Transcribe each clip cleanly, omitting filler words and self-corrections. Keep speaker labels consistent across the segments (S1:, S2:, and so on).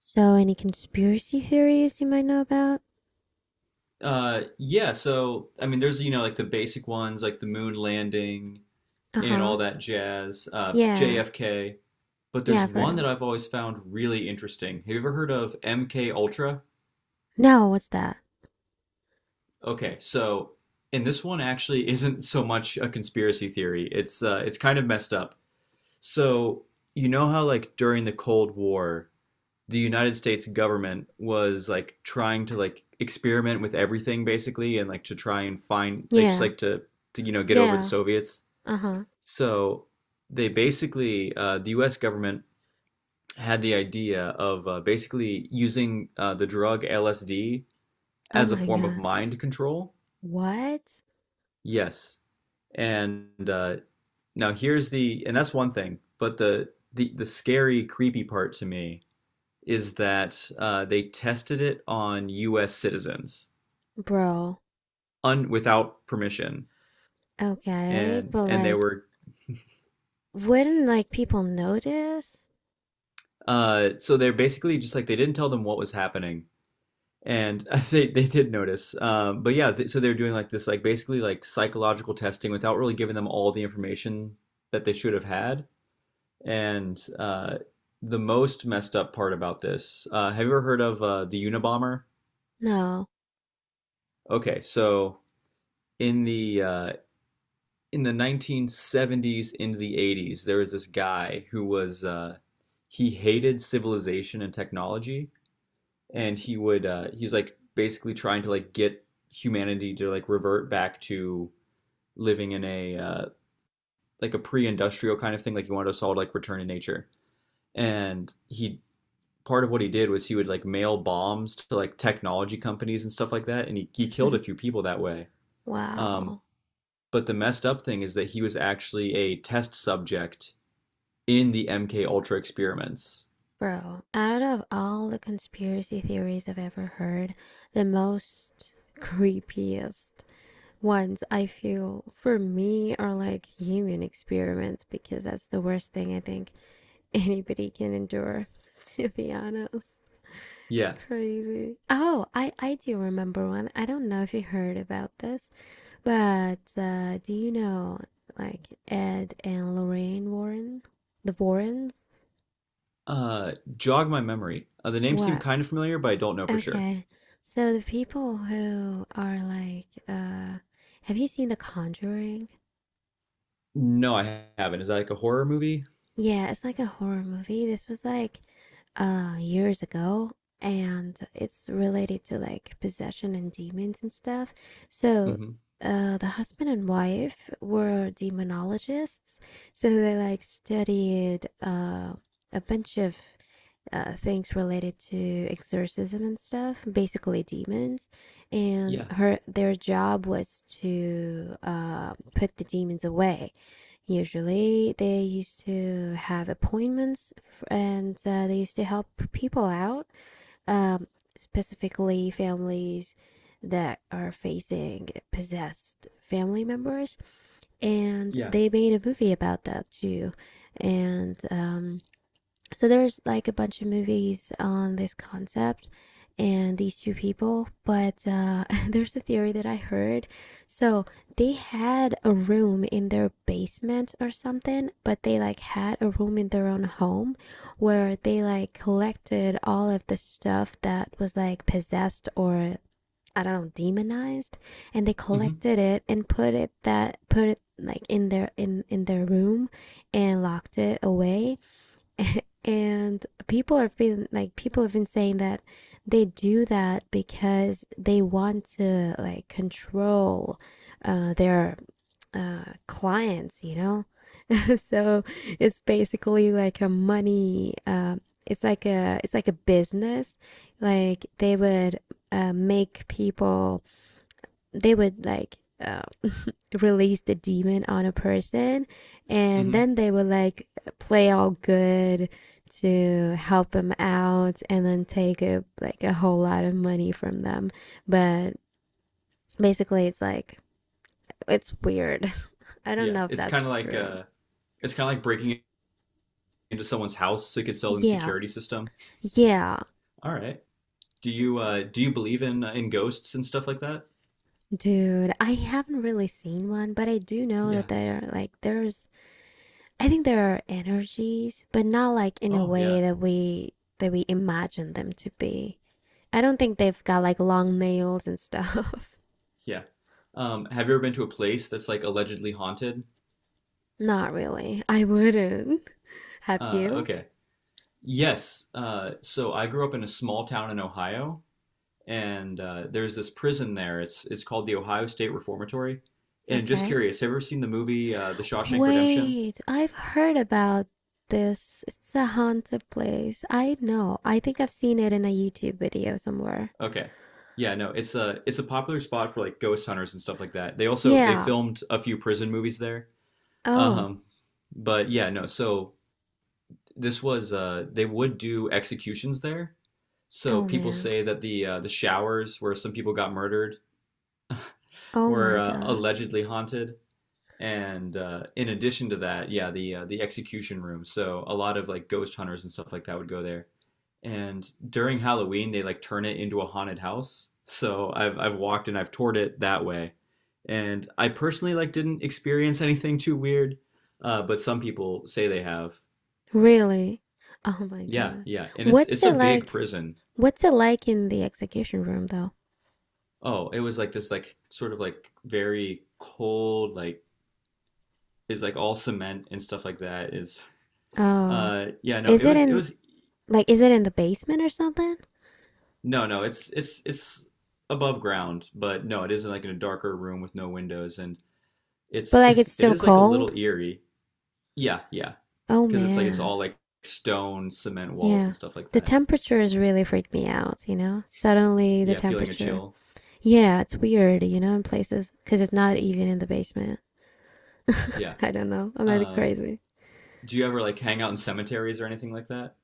S1: So, any conspiracy theories you might know about?
S2: Yeah, I mean, there's like the basic ones like the moon landing
S1: Uh
S2: and
S1: huh.
S2: all that jazz,
S1: Yeah.
S2: JFK. But
S1: Yeah,
S2: there's
S1: I've heard
S2: one
S1: heard
S2: that
S1: them.
S2: I've always found really interesting. Have you ever heard of MK Ultra?
S1: No, what's that?
S2: Okay, so and this one actually isn't so much a conspiracy theory. It's kind of messed up. So how like during the Cold War, the United States government was like trying to like experiment with everything basically and like to try and find like just
S1: Yeah.
S2: like to get over the
S1: Yeah.
S2: Soviets.
S1: Uh huh.
S2: So they basically the U.S. government had the idea of basically using the drug LSD
S1: Oh
S2: as a
S1: my
S2: form of
S1: god.
S2: mind control.
S1: What?
S2: Yes, and now here's the and that's one thing, but the scary creepy part to me is that they tested it on U.S. citizens
S1: Bro.
S2: without permission,
S1: Okay,
S2: and
S1: but
S2: and they
S1: like,
S2: were
S1: wouldn't like people notice?
S2: so they're basically just like they didn't tell them what was happening, and they did notice. But yeah, so they're doing like this like basically like psychological testing without really giving them all the information that they should have had, and the most messed up part about this. Have you ever heard of the Unabomber?
S1: No.
S2: Okay, so in the uh, in the 1970s into the 80s, there was this guy who was he hated civilization and technology, and he's like basically trying to like get humanity to like revert back to living in a like a pre-industrial kind of thing. Like he wanted us all to like return to nature, and he part of what he did was he would like mail bombs to like technology companies and stuff like that, and he killed a few people that way. Um,
S1: Wow.
S2: but the messed up thing is that he was actually a test subject in the MK Ultra experiments.
S1: Bro, out of all the conspiracy theories I've ever heard, the most creepiest ones I feel for me are like human experiments, because that's the worst thing I think anybody can endure, to be honest. It's
S2: Yeah.
S1: crazy. Oh, I do remember one. I don't know if you heard about this, but do you know like Ed and Lorraine Warren? The Warrens?
S2: Jog my memory. The name seemed
S1: What?
S2: kind of familiar, but I don't know for sure.
S1: Okay. So the people who are like, have you seen The Conjuring?
S2: No, I haven't. Is that like a horror movie?
S1: Yeah, it's like a horror movie. This was like years ago, and it's related to like possession and demons and stuff. So,
S2: Mm-hmm.
S1: the husband and wife were demonologists, so they like studied a bunch of things related to exorcism and stuff, basically demons. And
S2: Yeah.
S1: her their job was to put the demons away. Usually, they used to have appointments, and they used to help people out, um, specifically families that are facing possessed family members. And
S2: Yeah.
S1: they made a movie about that too. And so there's like a bunch of movies on this concept and these two people, but there's a theory that I heard. So they had a room in their basement or something, but they like had a room in their own home where they like collected all of the stuff that was like possessed or I don't know demonized, and they
S2: Mm-hmm.
S1: collected it and put it, that put it like in their room and locked it away. And people have been saying that they do that because they want to like control their clients you know. So it's basically like a money it's like a business. Like they would make people, they would like release the demon on a person, and
S2: Mm-hmm.
S1: then they would like play all good to help them out, and then take a, like a whole lot of money from them. But basically it's like it's weird. I don't
S2: Yeah.
S1: know if
S2: It's
S1: that's
S2: kind of like
S1: true.
S2: it's kind of like breaking into someone's house so you could sell them the
S1: Yeah,
S2: security system.
S1: yeah,
S2: All right. Do you
S1: that's weird.
S2: uh, do you believe in ghosts and stuff like that?
S1: Dude, I haven't really seen one, but I do know that
S2: Yeah.
S1: there like there's I think there are energies, but not like in a
S2: Oh yeah,
S1: way that we imagine them to be. I don't think they've got like long nails and stuff.
S2: yeah. Have you ever been to a place that's like allegedly haunted?
S1: Not really. I wouldn't. Have
S2: Uh,
S1: you?
S2: okay. Yes. So I grew up in a small town in Ohio, and there's this prison there. It's called the Ohio State Reformatory. And just
S1: Okay.
S2: curious, have you ever seen the movie The Shawshank Redemption?
S1: Wait, I've heard about this. It's a haunted place. I know. I think I've seen it in a YouTube video somewhere.
S2: Okay. Yeah, no, it's a popular spot for like ghost hunters and stuff like that. They also they
S1: Yeah.
S2: filmed a few prison movies there.
S1: Oh.
S2: Um, but yeah, no, so this was they would do executions there. So
S1: Oh
S2: people
S1: man.
S2: say that the showers where some people got murdered
S1: Oh
S2: were
S1: my god.
S2: allegedly haunted. And in addition to that, yeah, the execution room. So a lot of like ghost hunters and stuff like that would go there. And during Halloween, they like turn it into a haunted house. So I've walked and I've toured it that way. And I personally like didn't experience anything too weird, but some people say they have.
S1: Really? Oh my
S2: Yeah,
S1: god.
S2: yeah, and it's
S1: What's
S2: it's a
S1: it
S2: big
S1: like?
S2: prison.
S1: What's it like in the execution room though?
S2: Oh, it was like this, like sort of like very cold, like is like all cement and stuff like that. Is
S1: Oh,
S2: yeah, no,
S1: is
S2: it
S1: it
S2: was it
S1: in
S2: was
S1: like is it in the basement or something?
S2: no, it's it's above ground, but no, it isn't like in a darker room with no windows, and
S1: But
S2: it's
S1: like it's
S2: it
S1: still
S2: is like a
S1: cold?
S2: little eerie. Yeah, yeah,
S1: Oh
S2: because it's like it's all
S1: man.
S2: like stone, cement walls
S1: Yeah.
S2: and stuff like
S1: The
S2: that.
S1: temperatures really freak me out, you know? Suddenly the
S2: Yeah, feeling a
S1: temperature.
S2: chill.
S1: Yeah, it's weird, you know, in places cuz it's not even in the basement.
S2: Yeah.
S1: I don't know. I might be
S2: Um,
S1: crazy.
S2: do you ever like hang out in cemeteries or anything like that?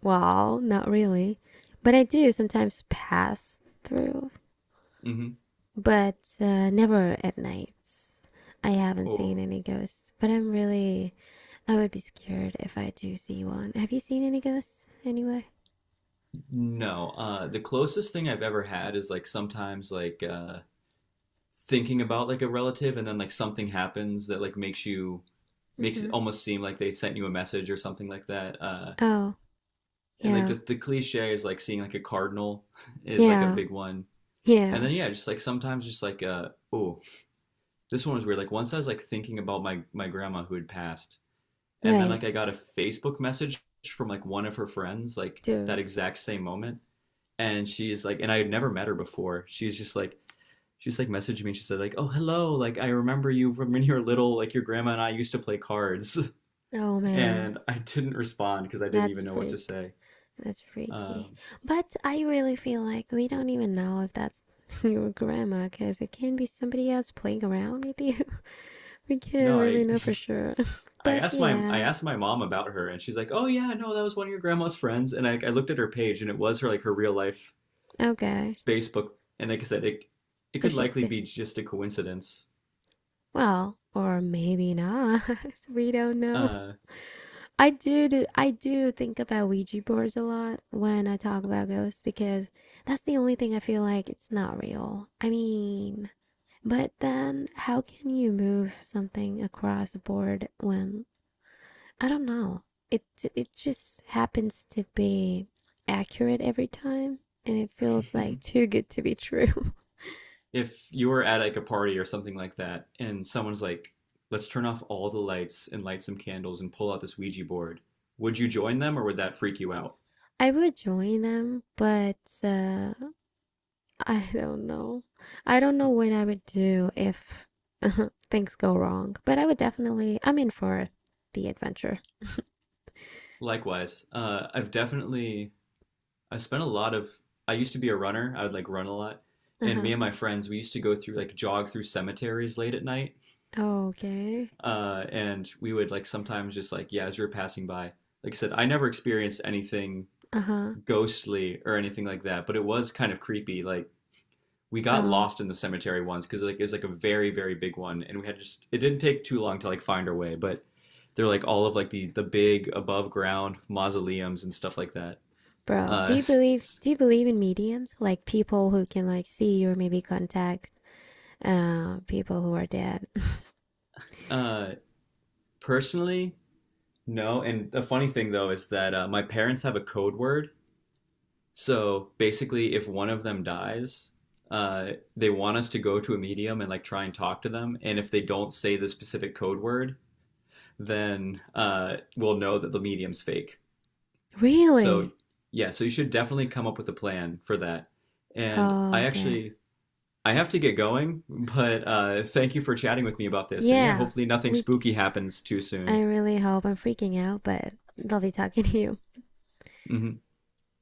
S1: Well, not really. But I do sometimes pass through,
S2: Mm-hmm.
S1: but never at nights. I haven't seen
S2: Oh.
S1: any ghosts, but I'm really, I would be scared if I do see one. Have you seen any ghosts anyway?
S2: No, the closest thing I've ever had is like sometimes like thinking about like a relative and then like something happens that like makes you makes it
S1: Mm-hmm.
S2: almost seem like they sent you a message or something like that. Uh,
S1: Oh,
S2: and like
S1: yeah,
S2: the cliche is like seeing like a cardinal is like a
S1: yeah,
S2: big one. And
S1: yeah.
S2: then yeah, just like sometimes just like uh oh, this one was weird. Like once I was like thinking about my grandma who had passed, and then
S1: Right,
S2: like I got a Facebook message from like one of her friends like that
S1: dude.
S2: exact same moment and she's like and I had never met her before she's just like she's like messaged me and she said like oh hello like I remember you from when you were little like your grandma and I used to play cards
S1: Oh man,
S2: and I didn't respond because I didn't
S1: that's
S2: even know what to
S1: freak.
S2: say
S1: That's freaky.
S2: um
S1: But I really feel like we don't even know if that's your grandma, because it can be somebody else playing around with you. We can't
S2: no i
S1: really know for sure.
S2: i
S1: But
S2: asked my I
S1: yeah,
S2: asked my mom about her and she's like oh yeah no that was one of your grandma's friends and I looked at her page and it was her like her real life
S1: okay.
S2: Facebook and like I said it it
S1: So
S2: could
S1: she
S2: likely
S1: did,
S2: be just a coincidence
S1: well, or maybe not. We don't know.
S2: uh
S1: I do, do I do think about Ouija boards a lot when I talk about ghosts, because that's the only thing I feel like it's not real. I mean, but then how can you move something across a board when I don't know. It it just happens to be accurate every time, and it feels like too good to be true.
S2: if you were at like a party or something like that, and someone's like, "Let's turn off all the lights and light some candles and pull out this Ouija board," would you join them or would that freak you out?
S1: I would join them, but uh I don't know. I don't know what I would do if things go wrong, but I would definitely, I'm in for the adventure.
S2: Likewise, I've definitely I spent a lot of. I used to be a runner. I would like run a lot, and me
S1: Uh-huh.
S2: and my friends we used to go through like jog through cemeteries late at night,
S1: Okay.
S2: and we would like sometimes just like yeah, as you're passing by. Like I said, I never experienced anything
S1: Uh-huh.
S2: ghostly or anything like that, but it was kind of creepy. Like we got
S1: Oh,
S2: lost in the cemetery once because like it was like a very big one, and we had just it didn't take too long to like find our way, but they're like all of like the big above ground mausoleums and stuff like that.
S1: bro,
S2: Uh,
S1: do you believe in mediums? Like people who can like see or maybe contact people who are dead.
S2: uh, personally, no. And the funny thing though is that my parents have a code word. So basically, if one of them dies, they want us to go to a medium and like try and talk to them. And if they don't say the specific code word, then we'll know that the medium's fake. So
S1: Really?
S2: yeah, so you should definitely come up with a plan for that. And
S1: Oh,
S2: I
S1: okay.
S2: actually I have to get going, but thank you for chatting with me about this. And yeah,
S1: Yeah.
S2: hopefully nothing
S1: We
S2: spooky happens too
S1: I
S2: soon.
S1: really hope, I'm freaking out, but love you talking to you.
S2: hmm